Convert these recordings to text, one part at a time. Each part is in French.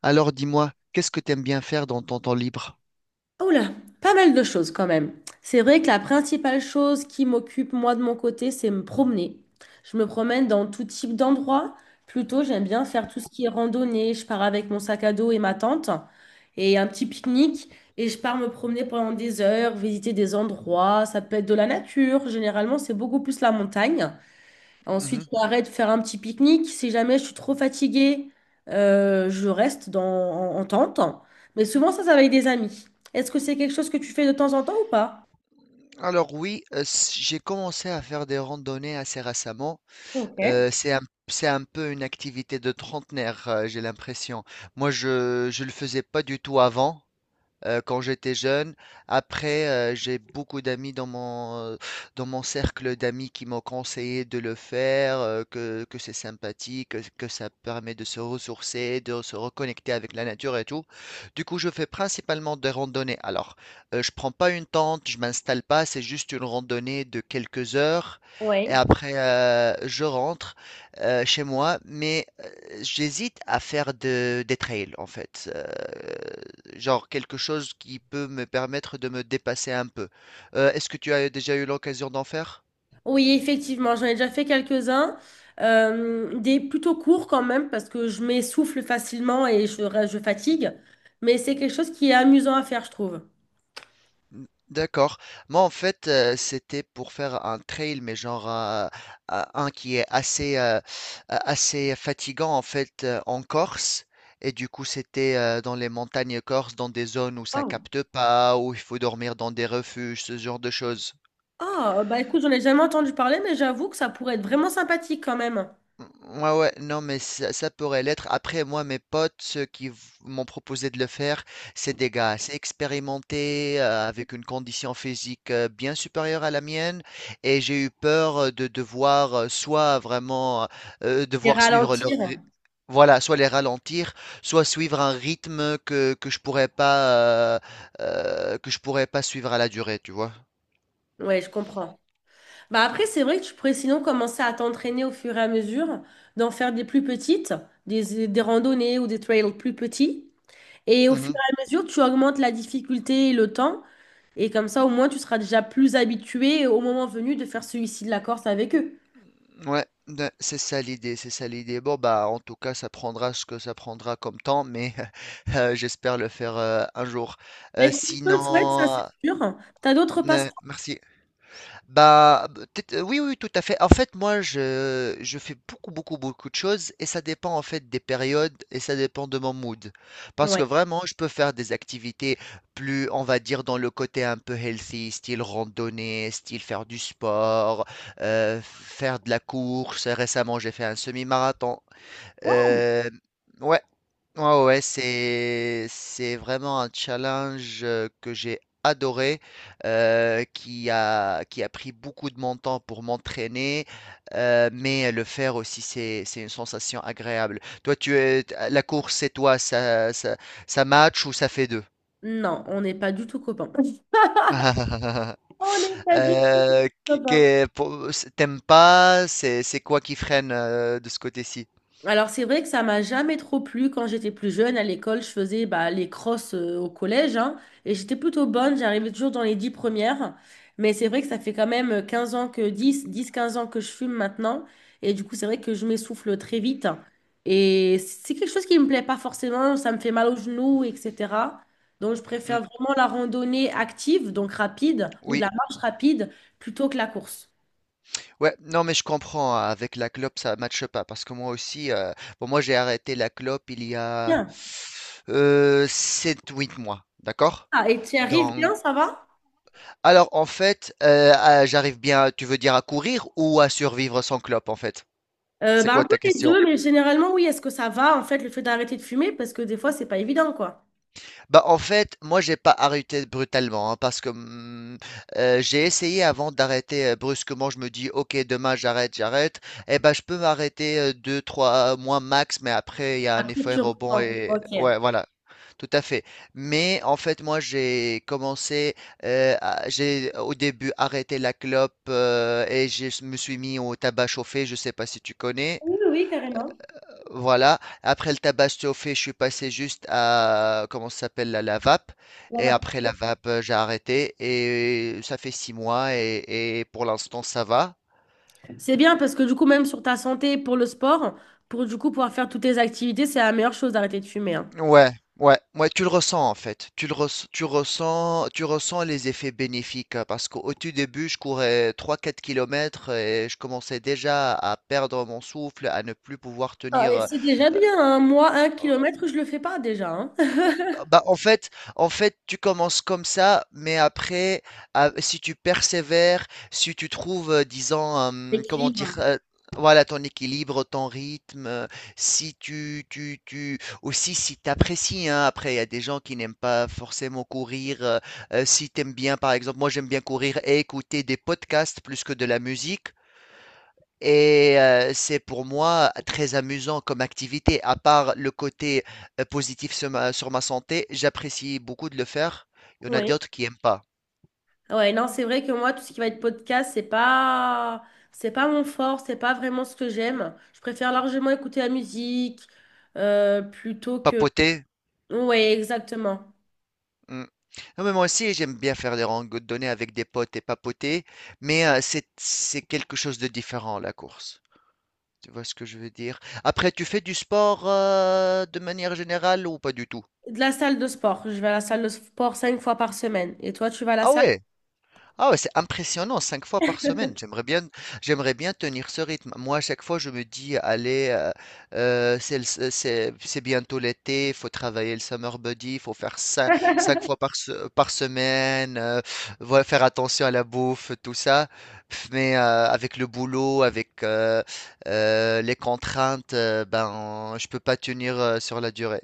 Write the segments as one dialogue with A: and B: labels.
A: Alors dis-moi, qu'est-ce que t'aimes bien faire dans ton temps libre?
B: Oh là, pas mal de choses quand même. C'est vrai que la principale chose qui m'occupe moi de mon côté, c'est me promener. Je me promène dans tout type d'endroits. Plutôt, j'aime bien faire tout ce qui est randonnée. Je pars avec mon sac à dos et ma tente et un petit pique-nique et je pars me promener pendant des heures, visiter des endroits. Ça peut être de la nature. Généralement, c'est beaucoup plus la montagne. Ensuite,
A: Mhm.
B: j'arrête de faire un petit pique-nique. Si jamais je suis trop fatiguée, je reste en tente. Mais souvent, ça va avec des amis. Est-ce que c'est quelque chose que tu fais de temps en temps ou pas?
A: Alors oui, j'ai commencé à faire des randonnées assez récemment.
B: Ok.
A: Euh, c'est un, c'est un peu une activité de trentenaire, j'ai l'impression. Moi, je ne le faisais pas du tout avant, quand j'étais jeune. Après, j'ai beaucoup d'amis dans dans mon cercle d'amis qui m'ont conseillé de le faire, que c'est sympathique, que ça permet de se ressourcer, de se reconnecter avec la nature et tout. Du coup, je fais principalement des randonnées. Alors, je prends pas une tente, je m'installe pas, c'est juste une randonnée de quelques heures et
B: Oui.
A: après, je rentre chez moi. Mais j'hésite à faire des trails en fait, genre quelque chose qui peut me permettre de me dépasser un peu. Est-ce que tu as déjà eu l'occasion d'en faire?
B: Oui, effectivement, j'en ai déjà fait quelques-uns. Des plutôt courts quand même, parce que je m'essouffle facilement et je fatigue. Mais c'est quelque chose qui est amusant à faire, je trouve.
A: D'accord. Moi en fait, c'était pour faire un trail, mais genre, un qui est assez, assez fatigant en fait, en Corse. Et du coup, c'était, dans les montagnes corses, dans des zones où ça
B: Wow.
A: capte pas, où il faut dormir dans des refuges, ce genre de choses.
B: Ah, bah écoute, j'en ai jamais entendu parler, mais j'avoue que ça pourrait être vraiment sympathique quand même.
A: Mmh, ouais, ouais, non, mais ça pourrait l'être. Après, moi, mes potes, m'ont proposé de le faire, c'est des gars assez expérimentés, avec une condition physique, bien supérieure à la mienne, et j'ai eu peur, de devoir, soit vraiment
B: Et
A: devoir suivre leur
B: ralentir.
A: ry- voilà, soit les ralentir, soit suivre un rythme que je pourrais pas, que je pourrais pas suivre à la durée, tu vois.
B: Ouais, je comprends. Bah après, c'est vrai que tu pourrais sinon commencer à t'entraîner au fur et à mesure, d'en faire des plus petites, des randonnées ou des trails plus petits. Et au fur
A: Mhm.
B: et à mesure, tu augmentes la difficulté et le temps. Et comme ça, au moins, tu seras déjà plus habitué au moment venu de faire celui-ci de la Corse avec eux.
A: Ouais, ben, c'est ça l'idée, c'est ça l'idée. Bon, bah, en tout cas, ça prendra ce que ça prendra comme temps, mais j'espère le faire, un jour.
B: Bah, écoute, je te le souhaite, ça c'est
A: Sinon,
B: sûr. T'as d'autres passe-temps?
A: merci. Bah, oui, oui, tout à fait. En fait, moi, je fais beaucoup, beaucoup, beaucoup de choses, et ça dépend en fait des périodes, et ça dépend de mon mood. Parce que
B: Ouais.
A: vraiment, je peux faire des activités plus, on va dire, dans le côté un peu healthy, style randonnée, style faire du sport, faire de la course. Récemment, j'ai fait un semi-marathon. Euh, ouais, Ouais, ouais, c'est vraiment un challenge, que j'ai adoré, qui a pris beaucoup de mon temps pour m'entraîner, mais le faire aussi, c'est une sensation agréable. Toi, la course, c'est toi, ça, ça match ou ça fait deux?
B: Non, on n'est pas du tout copains. On n'est pas du tout copains.
A: T'aimes pas, c'est quoi qui freine, de ce côté-ci?
B: Alors, c'est vrai que ça m'a jamais trop plu quand j'étais plus jeune. À l'école, je faisais bah, les crosses au collège hein, et j'étais plutôt bonne. J'arrivais toujours dans les 10 premières. Mais c'est vrai que ça fait quand même 15 ans que je fume maintenant. Et du coup, c'est vrai que je m'essouffle très vite. Et c'est quelque chose qui me plaît pas forcément. Ça me fait mal aux genoux, etc. Donc, je
A: Mm.
B: préfère vraiment la randonnée active, donc rapide, ou de
A: Oui.
B: la marche rapide, plutôt que la course.
A: Ouais, non, mais je comprends, hein. Avec la clope, ça matche pas. Parce que moi aussi, bon, moi, j'ai arrêté la clope il y a,
B: Bien.
A: 7-8 mois. D'accord?
B: Ah, et tu y arrives bien,
A: Donc,
B: ça va?
A: alors, en fait, j'arrive bien, tu veux dire à courir ou à survivre sans clope, en fait? C'est
B: Bah, un
A: quoi
B: peu
A: ta
B: les
A: question?
B: deux, mais généralement, oui, est-ce que ça va, en fait, le fait d'arrêter de fumer? Parce que des fois, c'est pas évident, quoi.
A: Bah, en fait, moi, j'ai pas arrêté brutalement, hein, parce que j'ai essayé avant d'arrêter, brusquement. Je me dis, ok, demain, j'arrête, j'arrête. Eh ben, je peux m'arrêter, 2, 3 mois max, mais après, il y a un
B: Après,
A: effet
B: tu
A: rebond.
B: reprends.
A: Et
B: Ok. Oui,
A: ouais, voilà, tout à fait. Mais en fait, moi, j'ai commencé, j'ai au début arrêté la clope, et je me suis mis au tabac chauffé. Je sais pas si tu connais.
B: oui, oui, carrément.
A: Voilà, après le tabac chauffé, je suis passé juste à, comment ça s'appelle, la vape.
B: On
A: Et
B: va-
A: après la vape, j'ai arrêté. Et ça fait 6 mois, et pour l'instant, ça va.
B: C'est bien parce que du coup, même sur ta santé, pour le sport, pour du coup pouvoir faire toutes tes activités, c'est la meilleure chose d'arrêter de fumer, hein.
A: Ouais, ouais, ouais, tu le ressens en fait. Tu ressens, tu ressens les effets bénéfiques, parce qu'au tout début, je courais 3, 4 km et je commençais déjà à perdre mon souffle, à ne plus pouvoir
B: Ah,
A: tenir.
B: et c'est déjà bien, hein. Moi, 1 kilomètre, je le fais pas déjà, hein.
A: Bah bah, en fait, tu commences comme ça, mais après, ah, si tu persévères, si tu trouves, disons, comment dire,
B: Équilibre.
A: voilà, ton équilibre, ton rythme, si tu, tu, tu, aussi si tu apprécies, hein. Après, il y a des gens qui n'aiment pas forcément courir, si tu aimes bien, par exemple, moi j'aime bien courir et écouter des podcasts plus que de la musique, et c'est pour moi très amusant comme activité. À part le côté, positif sur sur ma santé, j'apprécie beaucoup de le faire. Il y en a
B: Oui.
A: d'autres qui n'aiment pas.
B: Ouais, non, c'est vrai que moi, tout ce qui va être podcast, c'est pas mon fort, c'est pas vraiment ce que j'aime. Je préfère largement écouter la musique plutôt que.
A: Papoter.
B: Ouais, exactement.
A: Mm. Non, mais moi aussi, j'aime bien faire des randonnées avec des potes et papoter, mais c'est quelque chose de différent, la course. Tu vois ce que je veux dire? Après, tu fais du sport, de manière générale ou pas du tout?
B: De la salle de sport. Je vais à la salle de sport cinq fois par semaine. Et toi, tu vas à la
A: Ah
B: salle?
A: ouais? Ah ouais, c'est impressionnant, 5 fois par semaine. J'aimerais bien tenir ce rythme. Moi, à chaque fois, je me dis, allez, c'est, le- c'est bientôt l'été, il faut travailler le summer body, il faut faire ça 5 fois par semaine, voilà, faire attention à la bouffe, tout ça. Pff. Mais, avec le boulot, avec, les contraintes, ben, je peux pas tenir, sur la durée.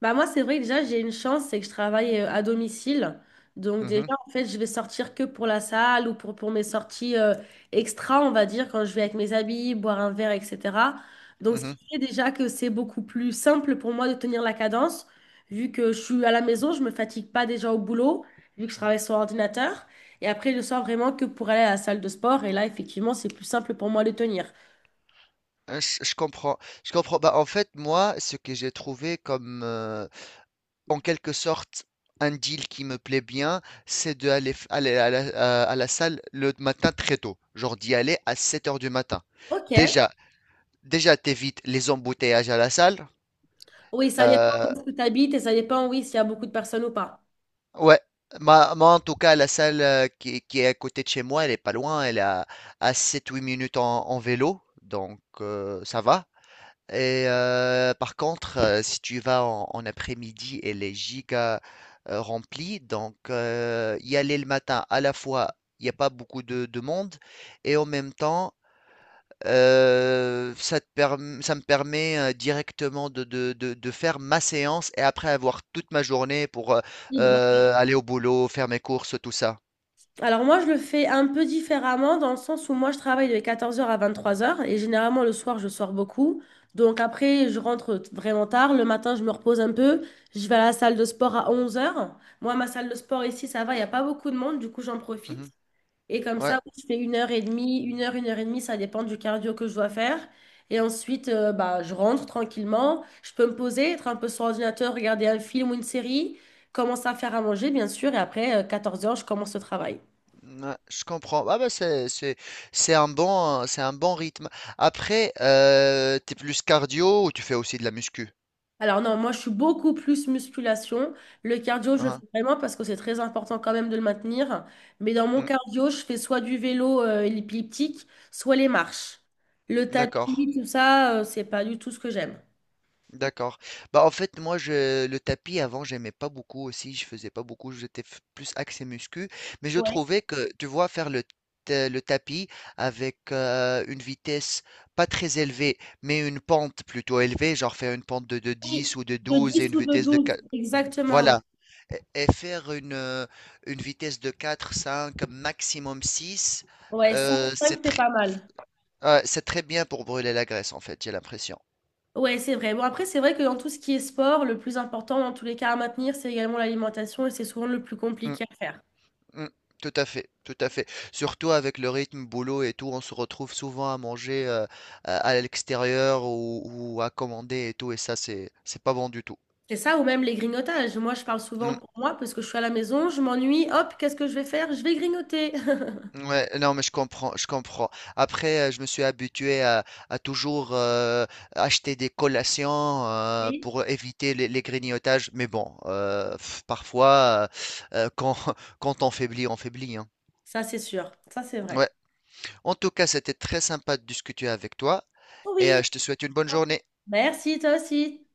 B: Bah moi, c'est vrai que déjà, j'ai une chance, c'est que je travaille à domicile. Donc déjà,
A: Mhm,
B: en fait, je vais sortir que pour la salle ou pour mes sorties extra, on va dire, quand je vais avec mes amis, boire un verre, etc. Donc ce
A: mhm.
B: qui fait déjà que c'est beaucoup plus simple pour moi de tenir la cadence, vu que je suis à la maison, je me fatigue pas déjà au boulot, vu que je travaille sur ordinateur. Et après, je sors vraiment que pour aller à la salle de sport. Et là, effectivement, c'est plus simple pour moi de tenir.
A: Je comprends. Je comprends. Bah, en fait, moi, ce que j'ai trouvé comme, en quelque sorte, un deal qui me plaît bien, c'est aller à à la salle le matin très tôt, genre d'y aller à 7 heures du matin.
B: Ok.
A: Déjà, déjà, t'évites les embouteillages à la salle.
B: Oui, ça dépend
A: Euh,
B: où tu habites et ça dépend, oui, s'il y a beaucoup de personnes ou pas.
A: ouais, Moi en tout cas, la salle, qui est à côté de chez moi, elle est pas loin, elle est à 7-8 minutes en vélo, donc, ça va. Et, par contre, si tu vas en après-midi, elle est giga, remplie. Donc, y aller le matin, à la fois, il n'y a pas beaucoup de monde. Et en même temps, ça me permet, directement de faire ma séance et après avoir toute ma journée pour, aller au boulot, faire mes courses, tout ça.
B: Alors moi, je le fais un peu différemment dans le sens où moi, je travaille de 14 heures à 23 heures et généralement le soir, je sors beaucoup. Donc après, je rentre t- vraiment tard. Le matin, je me repose un peu. Je vais à la salle de sport à 11 heures. Moi, ma salle de sport ici, ça va, il n'y a pas beaucoup de monde, du coup, j'en
A: Mhm.
B: profite. Et comme
A: Ouais.
B: ça, je fais une heure et demie, une heure et demie, ça dépend du cardio que je dois faire. Et ensuite, bah, je rentre tranquillement. Je peux me poser, être un peu sur l'ordinateur, regarder un film ou une série, commencer à faire à manger, bien sûr. Et après, 14 heures je commence le travail.
A: Ouais, je comprends. Ah bah, c'est un bon rythme. Après, t'es plus cardio ou tu fais aussi de la muscu?
B: Alors non, moi je suis beaucoup plus musculation. Le cardio, je le fais
A: Hein?
B: vraiment parce que c'est très important quand même de le maintenir. Mais dans mon
A: Hmm.
B: cardio, je fais soit du vélo elliptique, soit les marches. Le
A: D'accord,
B: tapis, tout ça, c'est pas du tout ce que j'aime.
A: d'accord. Bah en fait moi je le tapis avant j'aimais pas beaucoup aussi, je faisais pas beaucoup, plus axé muscu, mais je
B: Ouais.
A: trouvais que, tu vois, faire le tapis avec, une vitesse pas très élevée, mais une pente plutôt élevée, genre faire une pente de
B: Oui,
A: dix ou de
B: de
A: douze et
B: 10
A: une
B: ou de
A: vitesse de
B: 12
A: 4,
B: exactement, oui.
A: et faire une vitesse de 4, 5 maximum 6,
B: Ouais, 5, 5,
A: c'est
B: c'est
A: très,
B: pas mal.
A: ouais, c'est très bien pour brûler la graisse, en fait, j'ai l'impression.
B: Ouais, c'est vrai. Bon, après, c'est vrai que dans tout ce qui est sport, le plus important dans tous les cas à maintenir, c'est également l'alimentation et c'est souvent le plus
A: Mm,
B: compliqué à faire.
A: mm, tout à fait, tout à fait. Surtout avec le rythme boulot et tout, on se retrouve souvent à manger, à l'extérieur ou à commander et tout, et ça, c'est pas bon du tout.
B: C'est ça, ou même les grignotages. Moi, je parle souvent
A: Mm.
B: pour moi parce que je suis à la maison, je m'ennuie, hop, qu'est-ce que je vais faire? Je vais grignoter.
A: Ouais, non, mais je comprends, je comprends. Après, je me suis habitué à toujours, acheter des collations,
B: Oui.
A: pour éviter les grignotages. Mais bon, pff, parfois, euh, euh, quand, quand on faiblit, hein.
B: Ça, c'est sûr. Ça, c'est
A: Ouais.
B: vrai.
A: En tout cas, c'était très sympa de discuter avec toi et
B: Oui.
A: je te souhaite une bonne journée.
B: Merci, toi aussi.